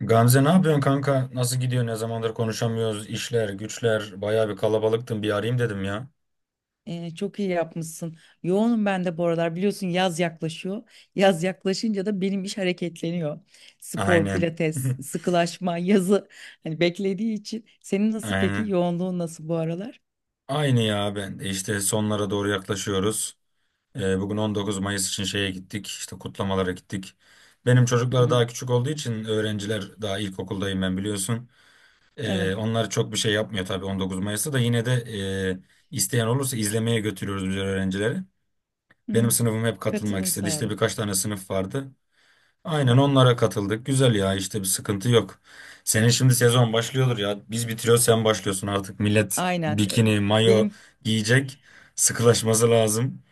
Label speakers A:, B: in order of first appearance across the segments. A: Gamze ne yapıyorsun kanka? Nasıl gidiyor? Ne zamandır konuşamıyoruz? İşler, güçler, bayağı bir kalabalıktın. Bir arayayım dedim ya.
B: Çok iyi yapmışsın. Yoğunum ben de bu aralar. Biliyorsun yaz yaklaşıyor. Yaz yaklaşınca da benim iş hareketleniyor. Spor,
A: Aynen.
B: pilates, sıkılaşma, yazı hani beklediği için. Senin nasıl peki?
A: Aynen.
B: Yoğunluğun nasıl bu aralar?
A: Aynı ya ben de işte sonlara doğru yaklaşıyoruz. Bugün 19 Mayıs için şeye gittik. İşte kutlamalara gittik. Benim
B: Hı
A: çocuklar
B: hı.
A: daha küçük olduğu için öğrenciler daha ilkokuldayım ben biliyorsun. Ee,
B: Evet.
A: onlar çok bir şey yapmıyor tabii 19 Mayıs'ta da yine de isteyen olursa izlemeye götürüyoruz biz öğrencileri.
B: Hı
A: Benim
B: hı.
A: sınıfım hep katılmak
B: Katılım
A: istedi. İşte
B: sağlığı.
A: birkaç tane sınıf vardı. Aynen
B: Ay,
A: onlara katıldık. Güzel ya işte bir sıkıntı yok. Senin şimdi sezon başlıyordur ya. Biz bitiriyoruz sen başlıyorsun artık. Millet
B: aynen.
A: bikini, mayo
B: Benim
A: giyecek. Sıkılaşması lazım.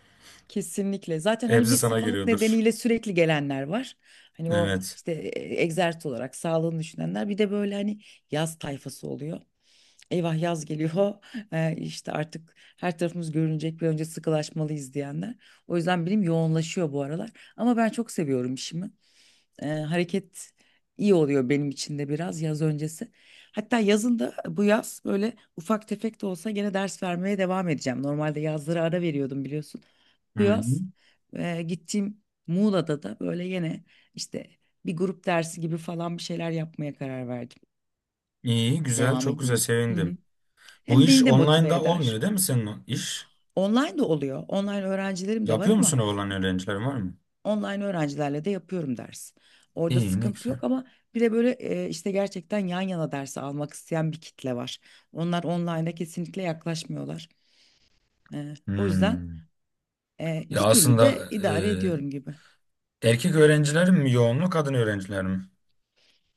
B: kesinlikle. Zaten hani bir
A: Hepsi sana
B: sağlık
A: geliyordur.
B: nedeniyle sürekli gelenler var. Hani o
A: Evet.
B: işte egzersiz olarak sağlığını düşünenler. Bir de böyle hani yaz tayfası oluyor. Eyvah, yaz geliyor. İşte artık her tarafımız görünecek, bir önce sıkılaşmalıyız diyenler. O yüzden benim yoğunlaşıyor bu aralar, ama ben çok seviyorum işimi. Hareket iyi oluyor benim için de biraz yaz öncesi. Hatta yazın da bu yaz böyle ufak tefek de olsa gene ders vermeye devam edeceğim. Normalde yazları ara veriyordum, biliyorsun.
A: Hı
B: Bu
A: hı.
B: yaz gittiğim Muğla'da da böyle yine işte bir grup dersi gibi falan bir şeyler yapmaya karar verdim.
A: İyi, güzel,
B: Devam
A: çok güzel
B: edeyim. Hı hı.
A: sevindim. Bu
B: Hem
A: iş
B: beni de motive
A: online'da olmuyor
B: eder.
A: değil mi senin o iş?
B: Online de oluyor. Online öğrencilerim de var,
A: Yapıyor
B: ama
A: musun olan öğrenciler var mı?
B: online öğrencilerle de yapıyorum ders. Orada
A: İyi, ne
B: sıkıntı
A: güzel.
B: yok, ama bir de böyle işte gerçekten yan yana dersi almak isteyen bir kitle var. Onlar online'a kesinlikle yaklaşmıyorlar. O yüzden
A: Hmm. Ya
B: iki türlü
A: aslında
B: de idare ediyorum gibi.
A: e, erkek öğrenciler mi yoğunluk, kadın öğrenciler mi?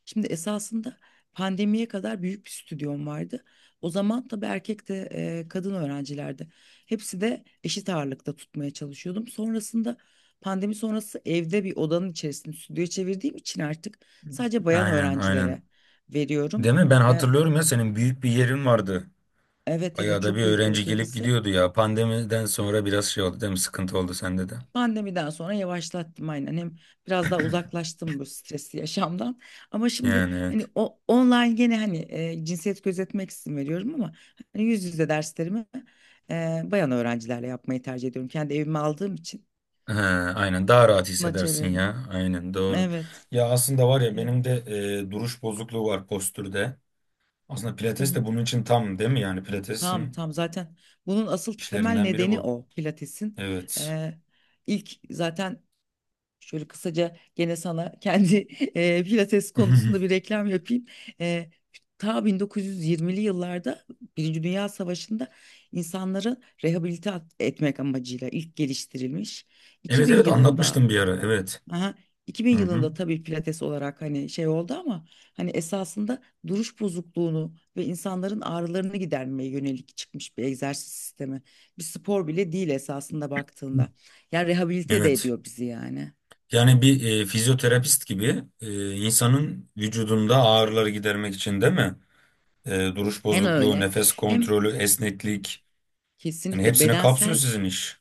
B: Şimdi esasında pandemiye kadar büyük bir stüdyom vardı. O zaman tabii erkek de kadın öğrencilerdi. Hepsi de eşit ağırlıkta tutmaya çalışıyordum. Sonrasında pandemi sonrası evde bir odanın içerisinde stüdyoya çevirdiğim için artık sadece bayan
A: Aynen,
B: öğrencilere
A: aynen.
B: veriyorum.
A: Değil mi? Ben
B: E,
A: hatırlıyorum ya senin büyük bir yerin vardı.
B: evet evet,
A: Ayağda bir
B: çok büyük de
A: öğrenci gelip
B: ötekisi.
A: gidiyordu ya. Pandemiden sonra biraz şey oldu değil mi? Sıkıntı oldu sende de.
B: Pandemiden sonra yavaşlattım, aynen. Hem biraz daha uzaklaştım bu stresli yaşamdan. Ama şimdi
A: Yani
B: hani
A: evet.
B: o online gene hani cinsiyet gözetmek için veriyorum, ama hani yüz yüze derslerimi bayan öğrencilerle yapmayı tercih ediyorum. Kendi evime aldığım için
A: Ha, aynen daha rahat
B: buna
A: hissedersin
B: çevirdim.
A: ya. Aynen doğru.
B: Evet,
A: Ya aslında var ya
B: evet.
A: benim de duruş bozukluğu var postürde. Aslında
B: Hı
A: pilates
B: hı.
A: de bunun için tam değil mi? Yani
B: Tamam,
A: pilatesin
B: tamam. Zaten bunun asıl temel
A: işlerinden biri
B: nedeni
A: bu.
B: o Pilates'in.
A: Evet.
B: E, ilk zaten şöyle kısaca gene sana kendi pilates konusunda bir reklam yapayım. Eee Ta 1920'li yıllarda Birinci Dünya Savaşı'nda insanları rehabilite etmek amacıyla ilk geliştirilmiş.
A: Evet
B: 2000
A: evet
B: yılında,
A: anlatmıştım bir ara. Evet.
B: aha,
A: Hı
B: 2000
A: hı.
B: yılında tabii pilates olarak hani şey oldu, ama hani esasında duruş bozukluğunu ve insanların ağrılarını gidermeye yönelik çıkmış bir egzersiz sistemi. Bir spor bile değil esasında baktığında. Yani rehabilite de
A: Evet.
B: ediyor bizi, yani.
A: Yani bir fizyoterapist gibi insanın vücudunda ağrıları gidermek için değil mi? E, duruş
B: Hem
A: bozukluğu,
B: öyle
A: nefes
B: hem
A: kontrolü, esneklik. Yani
B: kesinlikle
A: hepsini kapsıyor
B: bedensel,
A: sizin iş.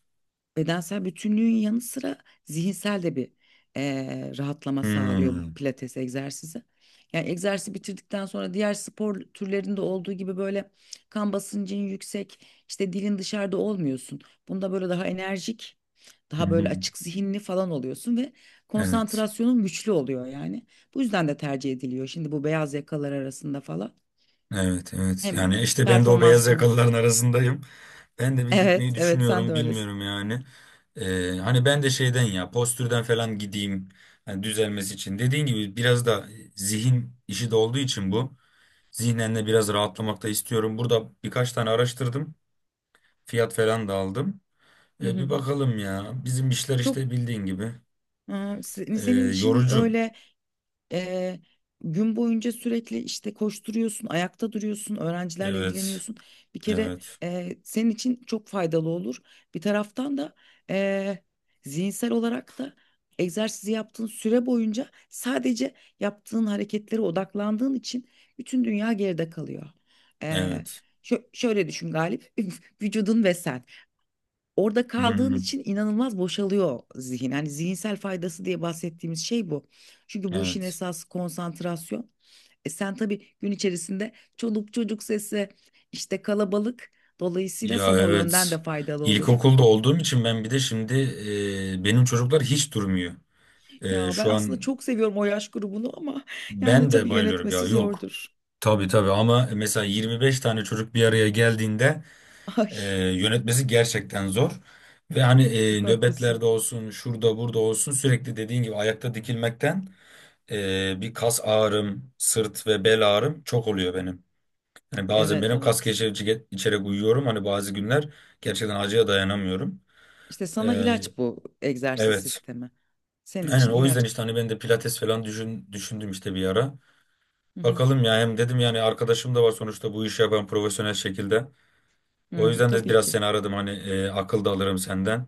B: bütünlüğün yanı sıra zihinsel de bir rahatlama sağlıyor bu
A: Hmm.
B: pilates egzersizi. Yani egzersizi bitirdikten sonra diğer spor türlerinde olduğu gibi böyle kan basıncın yüksek, işte dilin dışarıda olmuyorsun. Bunda böyle daha enerjik, daha böyle açık zihinli falan oluyorsun ve
A: Evet.
B: konsantrasyonun güçlü oluyor yani. Bu yüzden de tercih ediliyor. Şimdi bu beyaz yakalar arasında falan
A: Evet, evet.
B: hem
A: Yani işte ben de o beyaz
B: performansını
A: yakalıların arasındayım. Ben de bir
B: evet,
A: gitmeyi
B: evet, sen
A: düşünüyorum,
B: de öylesin.
A: bilmiyorum yani. E, hani ben de şeyden ya, postürden falan gideyim. Hani düzelmesi için. Dediğin gibi biraz da zihin işi de olduğu için bu. Zihnen de biraz rahatlamak da istiyorum. Burada birkaç tane araştırdım. Fiyat falan da aldım.
B: Hı
A: E, bir
B: hı.
A: bakalım ya. Bizim işler
B: Çok
A: işte bildiğin gibi.
B: e,
A: E,
B: senin işin
A: yorucu.
B: öyle. Eee, Gün boyunca sürekli işte koşturuyorsun, ayakta duruyorsun, öğrencilerle
A: Evet.
B: ilgileniyorsun. Bir kere
A: Evet.
B: senin için çok faydalı olur. Bir taraftan da eee, zihinsel olarak da egzersizi yaptığın süre boyunca sadece yaptığın hareketlere odaklandığın için bütün dünya geride kalıyor. Eee,
A: Evet.
B: şöyle düşün Galip, vücudun ve sen. Orada
A: Hı
B: kaldığın
A: hı.
B: için inanılmaz boşalıyor zihin. Yani zihinsel faydası diye bahsettiğimiz şey bu. Çünkü bu işin
A: Evet.
B: esası konsantrasyon. E sen tabii gün içerisinde çoluk çocuk sesi, işte kalabalık. Dolayısıyla
A: Ya
B: sana o yönden
A: evet.
B: de faydalı olur.
A: İlkokulda olduğum için ben bir de şimdi benim çocuklar hiç durmuyor. E,
B: Ya ben
A: şu
B: aslında
A: an
B: çok seviyorum o yaş grubunu, ama yani
A: ben de
B: tabii
A: bayılıyorum ya.
B: yönetmesi
A: Yok.
B: zordur.
A: Tabii tabii ama mesela 25 tane çocuk bir araya geldiğinde
B: Ay,
A: E, yönetmesi gerçekten zor. Ve hani
B: çok haklısın.
A: nöbetlerde olsun, şurada burada olsun sürekli dediğin gibi ayakta dikilmekten bir kas ağrım, sırt ve bel ağrım çok oluyor benim. Hani bazen
B: Evet
A: benim kas
B: evet.
A: gevşetici içerek uyuyorum. Hani bazı günler gerçekten acıya dayanamıyorum.
B: İşte
A: E,
B: sana ilaç bu egzersiz
A: evet.
B: sistemi. Senin
A: Aynen
B: için
A: o yüzden
B: ilaç.
A: işte hani ben de pilates falan düşündüm işte bir ara.
B: Hı hı.
A: Bakalım ya hem dedim yani arkadaşım da var sonuçta bu işi yapan profesyonel şekilde. O
B: Hı,
A: yüzden de
B: tabii
A: biraz
B: ki.
A: seni aradım hani akıl da alırım senden.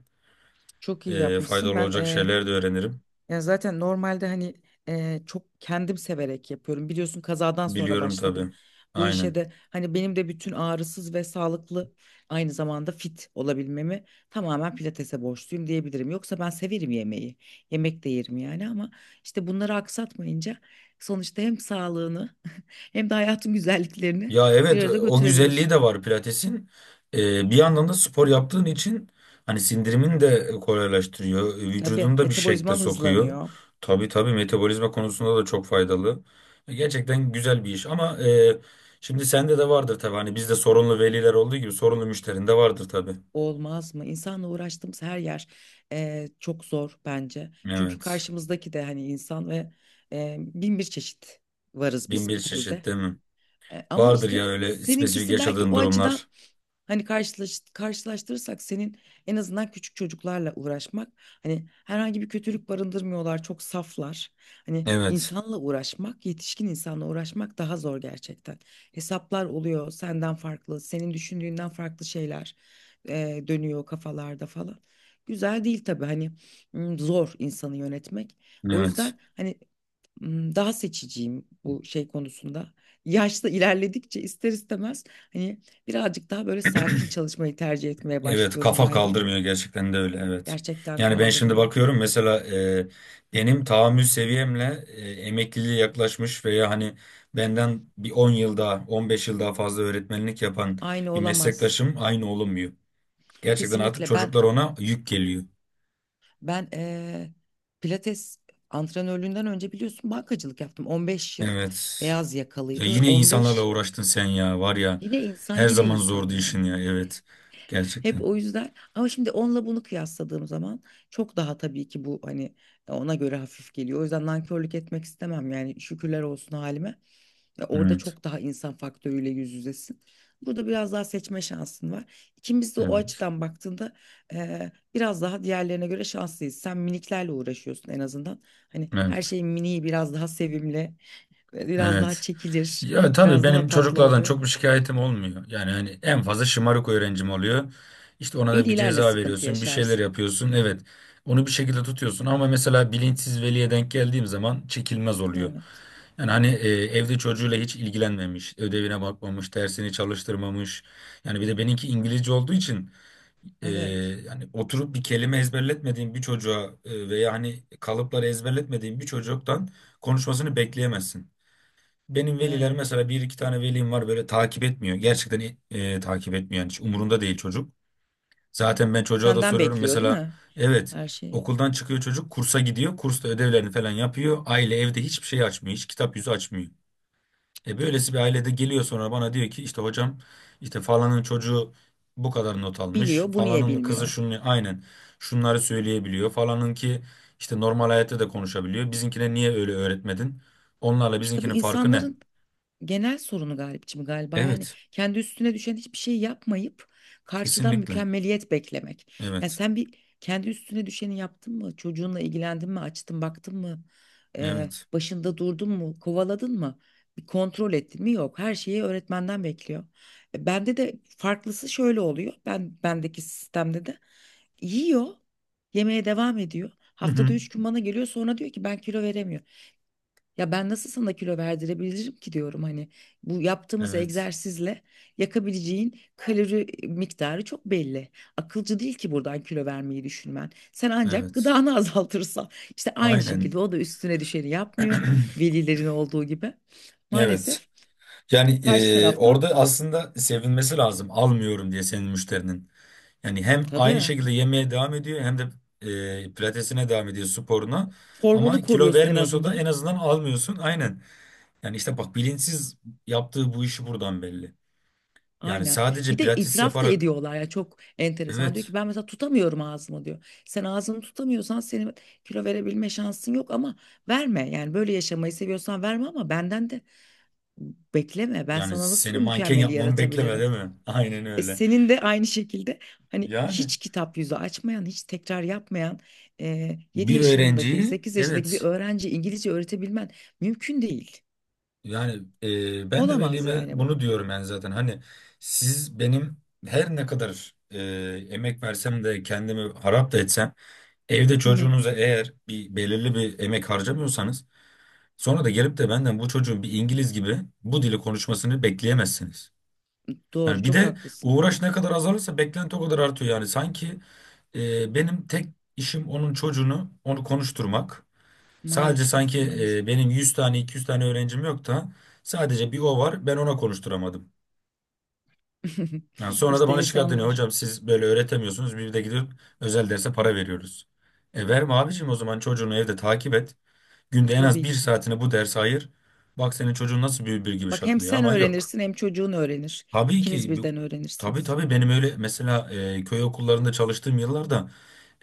B: Çok iyi
A: E,
B: yapmışsın.
A: faydalı olacak şeyler de öğrenirim.
B: Ya zaten normalde hani çok kendim severek yapıyorum. Biliyorsun kazadan sonra
A: Biliyorum
B: başladım
A: tabii.
B: bu işe
A: Aynen.
B: de. Hani benim de bütün ağrısız ve sağlıklı, aynı zamanda fit olabilmemi tamamen pilatese borçluyum diyebilirim. Yoksa ben severim yemeği. Yemek de yerim yani, ama işte bunları aksatmayınca sonuçta hem sağlığını hem de hayatın güzelliklerini
A: Ya
B: bir
A: evet
B: arada
A: o güzelliği
B: götürebiliyorsun.
A: de var pilatesin. E, bir yandan da spor yaptığın için hani sindirimin de kolaylaştırıyor.
B: Tabii
A: Vücudunu da bir şekle
B: metabolizman
A: sokuyor.
B: hızlanıyor.
A: Tabii tabii metabolizma konusunda da çok faydalı. Gerçekten güzel bir iş ama şimdi sende de vardır tabii. Hani bizde sorunlu veliler olduğu gibi sorunlu müşterin de vardır tabii.
B: Olmaz mı? İnsanla uğraştığımız her yer çok zor bence. Çünkü
A: Evet.
B: karşımızdaki de hani insan ve bin bir çeşit varız biz
A: Bin bir
B: bu
A: çeşit
B: türde.
A: değil mi?
B: Ama
A: Vardır ya
B: işte
A: öyle spesifik
B: seninkisi belki
A: yaşadığın
B: o
A: durumlar.
B: açıdan hani karşılaştırırsak senin en azından küçük çocuklarla uğraşmak, hani herhangi bir kötülük barındırmıyorlar, çok saflar. Hani
A: Evet.
B: insanla uğraşmak, yetişkin insanla uğraşmak daha zor gerçekten. Hesaplar oluyor senden farklı, senin düşündüğünden farklı şeyler dönüyor kafalarda falan. Güzel değil tabii hani, zor insanı yönetmek. O
A: Evet.
B: yüzden hani daha seçiciyim bu şey konusunda. Yaşta ilerledikçe ister istemez hani birazcık daha böyle sakin çalışmayı tercih etmeye
A: Evet
B: başlıyorum
A: kafa
B: galiba.
A: kaldırmıyor gerçekten de öyle evet.
B: Gerçekten
A: Yani ben şimdi
B: kaldırmıyor.
A: bakıyorum mesela benim tahammül seviyemle emekliliğe yaklaşmış veya hani benden bir 10 yıl daha 15 yıl daha fazla öğretmenlik yapan
B: Aynı
A: bir
B: olamaz.
A: meslektaşım aynı olunmuyor. Gerçekten artık
B: Kesinlikle
A: çocuklar
B: ben
A: ona yük geliyor.
B: ben pilates antrenörlüğünden önce biliyorsun bankacılık yaptım. 15 yıl
A: Evet.
B: beyaz
A: Ya
B: yakalıydı ve
A: yine insanlarla
B: 15
A: uğraştın sen ya var ya
B: yine insan,
A: her
B: yine
A: zaman
B: insan
A: zordu işin
B: yani.
A: ya evet.
B: Hep
A: Gerçekten.
B: o yüzden, ama şimdi onunla bunu kıyasladığım zaman çok daha tabii ki bu hani ona göre hafif geliyor. O yüzden nankörlük etmek istemem, yani şükürler olsun halime. Ya orada
A: Evet.
B: çok daha insan faktörüyle yüz yüzesin. Burada biraz daha seçme şansın var. İkimiz de o
A: Evet.
B: açıdan baktığında biraz daha diğerlerine göre şanslıyız. Sen miniklerle uğraşıyorsun en azından. Hani her
A: Evet.
B: şeyin miniği biraz daha sevimli, biraz daha
A: Evet.
B: çekilir,
A: Ya tabii
B: biraz daha
A: benim
B: tatlı
A: çocuklardan
B: oluyor.
A: çok bir şikayetim olmuyor. Yani hani en fazla şımarık öğrencim oluyor. İşte ona da bir
B: Velilerle
A: ceza
B: sıkıntı
A: veriyorsun, bir şeyler
B: yaşarsın.
A: yapıyorsun. Evet, onu bir şekilde tutuyorsun ama mesela bilinçsiz veliye denk geldiğim zaman çekilmez oluyor.
B: Evet,
A: Yani hani evde çocuğuyla hiç ilgilenmemiş, ödevine bakmamış, dersini çalıştırmamış. Yani bir de benimki İngilizce olduğu için e,
B: evet
A: yani oturup bir kelime ezberletmediğim bir çocuğa veya hani kalıpları ezberletmediğim bir çocuktan konuşmasını bekleyemezsin. Benim veliler
B: yani.
A: mesela bir iki tane velim var böyle takip etmiyor. Gerçekten takip etmiyor. Yani hiç umurunda değil çocuk. Zaten ben çocuğa da
B: Senden
A: soruyorum
B: bekliyor değil
A: mesela,
B: mi?
A: evet,
B: Her şeyi.
A: okuldan çıkıyor çocuk kursa gidiyor. Kursta ödevlerini falan yapıyor. Aile evde hiçbir şey açmıyor. Hiç kitap yüzü açmıyor. E, böylesi bir ailede geliyor sonra bana diyor ki işte hocam işte falanın çocuğu bu kadar not almış.
B: Biliyor, bu niye
A: Falanın kızı
B: bilmiyor?
A: şunu aynen şunları söyleyebiliyor. Falanın ki işte normal hayatta da konuşabiliyor. Bizimkine niye öyle öğretmedin? Onlarla
B: İşte bu
A: bizimkinin farkı ne?
B: insanların genel sorunu Galipçim galiba, yani
A: Evet.
B: kendi üstüne düşen hiçbir şey yapmayıp karşıdan
A: Kesinlikle.
B: mükemmeliyet beklemek. Yani
A: Evet.
B: sen bir kendi üstüne düşeni yaptın mı? Çocuğunla ilgilendin mi? Açtın baktın mı?
A: Evet.
B: Başında durdun mu? Kovaladın mı? Bir kontrol ettin mi? Yok. Her şeyi öğretmenden bekliyor. E, bende de farklısı şöyle oluyor. Ben bendeki sistemde de yiyor, yemeye devam ediyor.
A: Hı
B: Haftada
A: hı.
B: üç gün bana geliyor sonra diyor ki ben kilo veremiyorum. Ya ben nasıl sana kilo verdirebilirim ki diyorum, hani bu yaptığımız
A: Evet.
B: egzersizle yakabileceğin kalori miktarı çok belli. Akılcı değil ki buradan kilo vermeyi düşünmen. Sen ancak
A: Evet.
B: gıdanı azaltırsan, işte aynı şekilde
A: Aynen.
B: o da üstüne düşeni yapmıyor velilerin olduğu gibi.
A: Evet.
B: Maalesef
A: Yani
B: karşı
A: orada
B: taraftan,
A: aslında sevinmesi lazım. Almıyorum diye senin müşterinin. Yani hem aynı
B: tabii
A: şekilde yemeye devam ediyor hem de pilatesine devam ediyor sporuna.
B: formunu
A: Ama kilo
B: koruyorsun en
A: vermiyorsa da en
B: azından.
A: azından almıyorsun. Aynen. Yani işte bak bilinçsiz yaptığı bu işi buradan belli. Yani
B: Aynen. Bir
A: sadece
B: de
A: pilates
B: itiraf da
A: yaparak,
B: ediyorlar ya, çok enteresan. Diyor ki
A: evet.
B: ben mesela tutamıyorum ağzımı diyor. Sen ağzını tutamıyorsan senin kilo verebilme şansın yok, ama verme. Yani böyle yaşamayı seviyorsan verme, ama benden de bekleme. Ben
A: Yani
B: sana nasıl
A: seni
B: bu
A: manken
B: mükemmeli
A: yapmamı bekleme değil
B: yaratabilirim?
A: mi? Aynen
B: E
A: öyle.
B: senin de aynı şekilde hani
A: Yani.
B: hiç kitap yüzü açmayan, hiç tekrar yapmayan 7
A: Bir
B: yaşındaki,
A: öğrenciyi,
B: 8 yaşındaki bir
A: evet,
B: öğrenci İngilizce öğretebilmen mümkün değil.
A: yani ben de
B: Olamaz
A: velime
B: yani bu.
A: bunu diyorum yani zaten hani siz benim her ne kadar emek versem de kendimi harap da etsem evde
B: Hı hı.
A: çocuğunuza eğer bir belirli bir emek harcamıyorsanız sonra da gelip de benden bu çocuğun bir İngiliz gibi bu dili konuşmasını bekleyemezsiniz.
B: Doğru,
A: Yani bir
B: çok
A: de
B: haklısın.
A: uğraş ne kadar azalırsa beklenti o kadar artıyor yani sanki benim tek işim onun çocuğunu onu konuşturmak. Sadece
B: Maalesef,
A: sanki
B: maalesef.
A: benim 100 tane 200 tane öğrencim yok da sadece bir o var ben ona konuşturamadım. Yani sonra da
B: İşte
A: bana şikayet ediyor
B: insanlar
A: hocam siz böyle öğretemiyorsunuz bir de gidip özel derse para veriyoruz. E verme abicim o zaman çocuğunu evde takip et. Günde en az
B: tabii
A: bir
B: ki.
A: saatini bu derse ayır. Bak senin çocuğun nasıl bülbül gibi
B: Bak hem
A: şakılıyor
B: sen
A: ama yok.
B: öğrenirsin hem çocuğun öğrenir.
A: Tabii
B: İkiniz
A: ki bu-
B: birden
A: tabii
B: öğrenirsiniz.
A: tabii benim öyle mesela köy okullarında çalıştığım yıllarda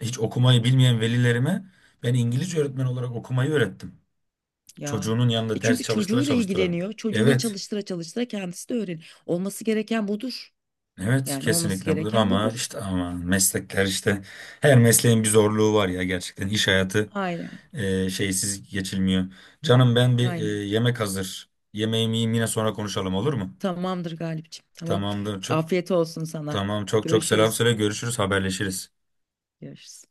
A: hiç okumayı bilmeyen velilerime ben İngilizce öğretmen olarak okumayı öğrettim.
B: Ya.
A: Çocuğunun
B: E
A: yanında ders
B: çünkü
A: çalıştıra
B: çocuğuyla
A: çalıştıra.
B: ilgileniyor. Çocuğuna
A: Evet.
B: çalıştıra çalıştıra kendisi de öğrenir. Olması gereken budur.
A: Evet
B: Yani olması
A: kesinlikle budur
B: gereken
A: ama
B: budur.
A: işte ama meslekler işte her mesleğin bir zorluğu var ya gerçekten iş hayatı
B: Aynen.
A: şeysiz geçilmiyor. Canım ben bir
B: Aynen.
A: yemek hazır. Yemeğimi yiyeyim yine sonra konuşalım olur mu?
B: Tamamdır Galipciğim. Tamam.
A: Tamamdır çok
B: Afiyet olsun sana.
A: tamam çok çok selam
B: Görüşürüz.
A: söyle görüşürüz haberleşiriz.
B: Görüşürüz.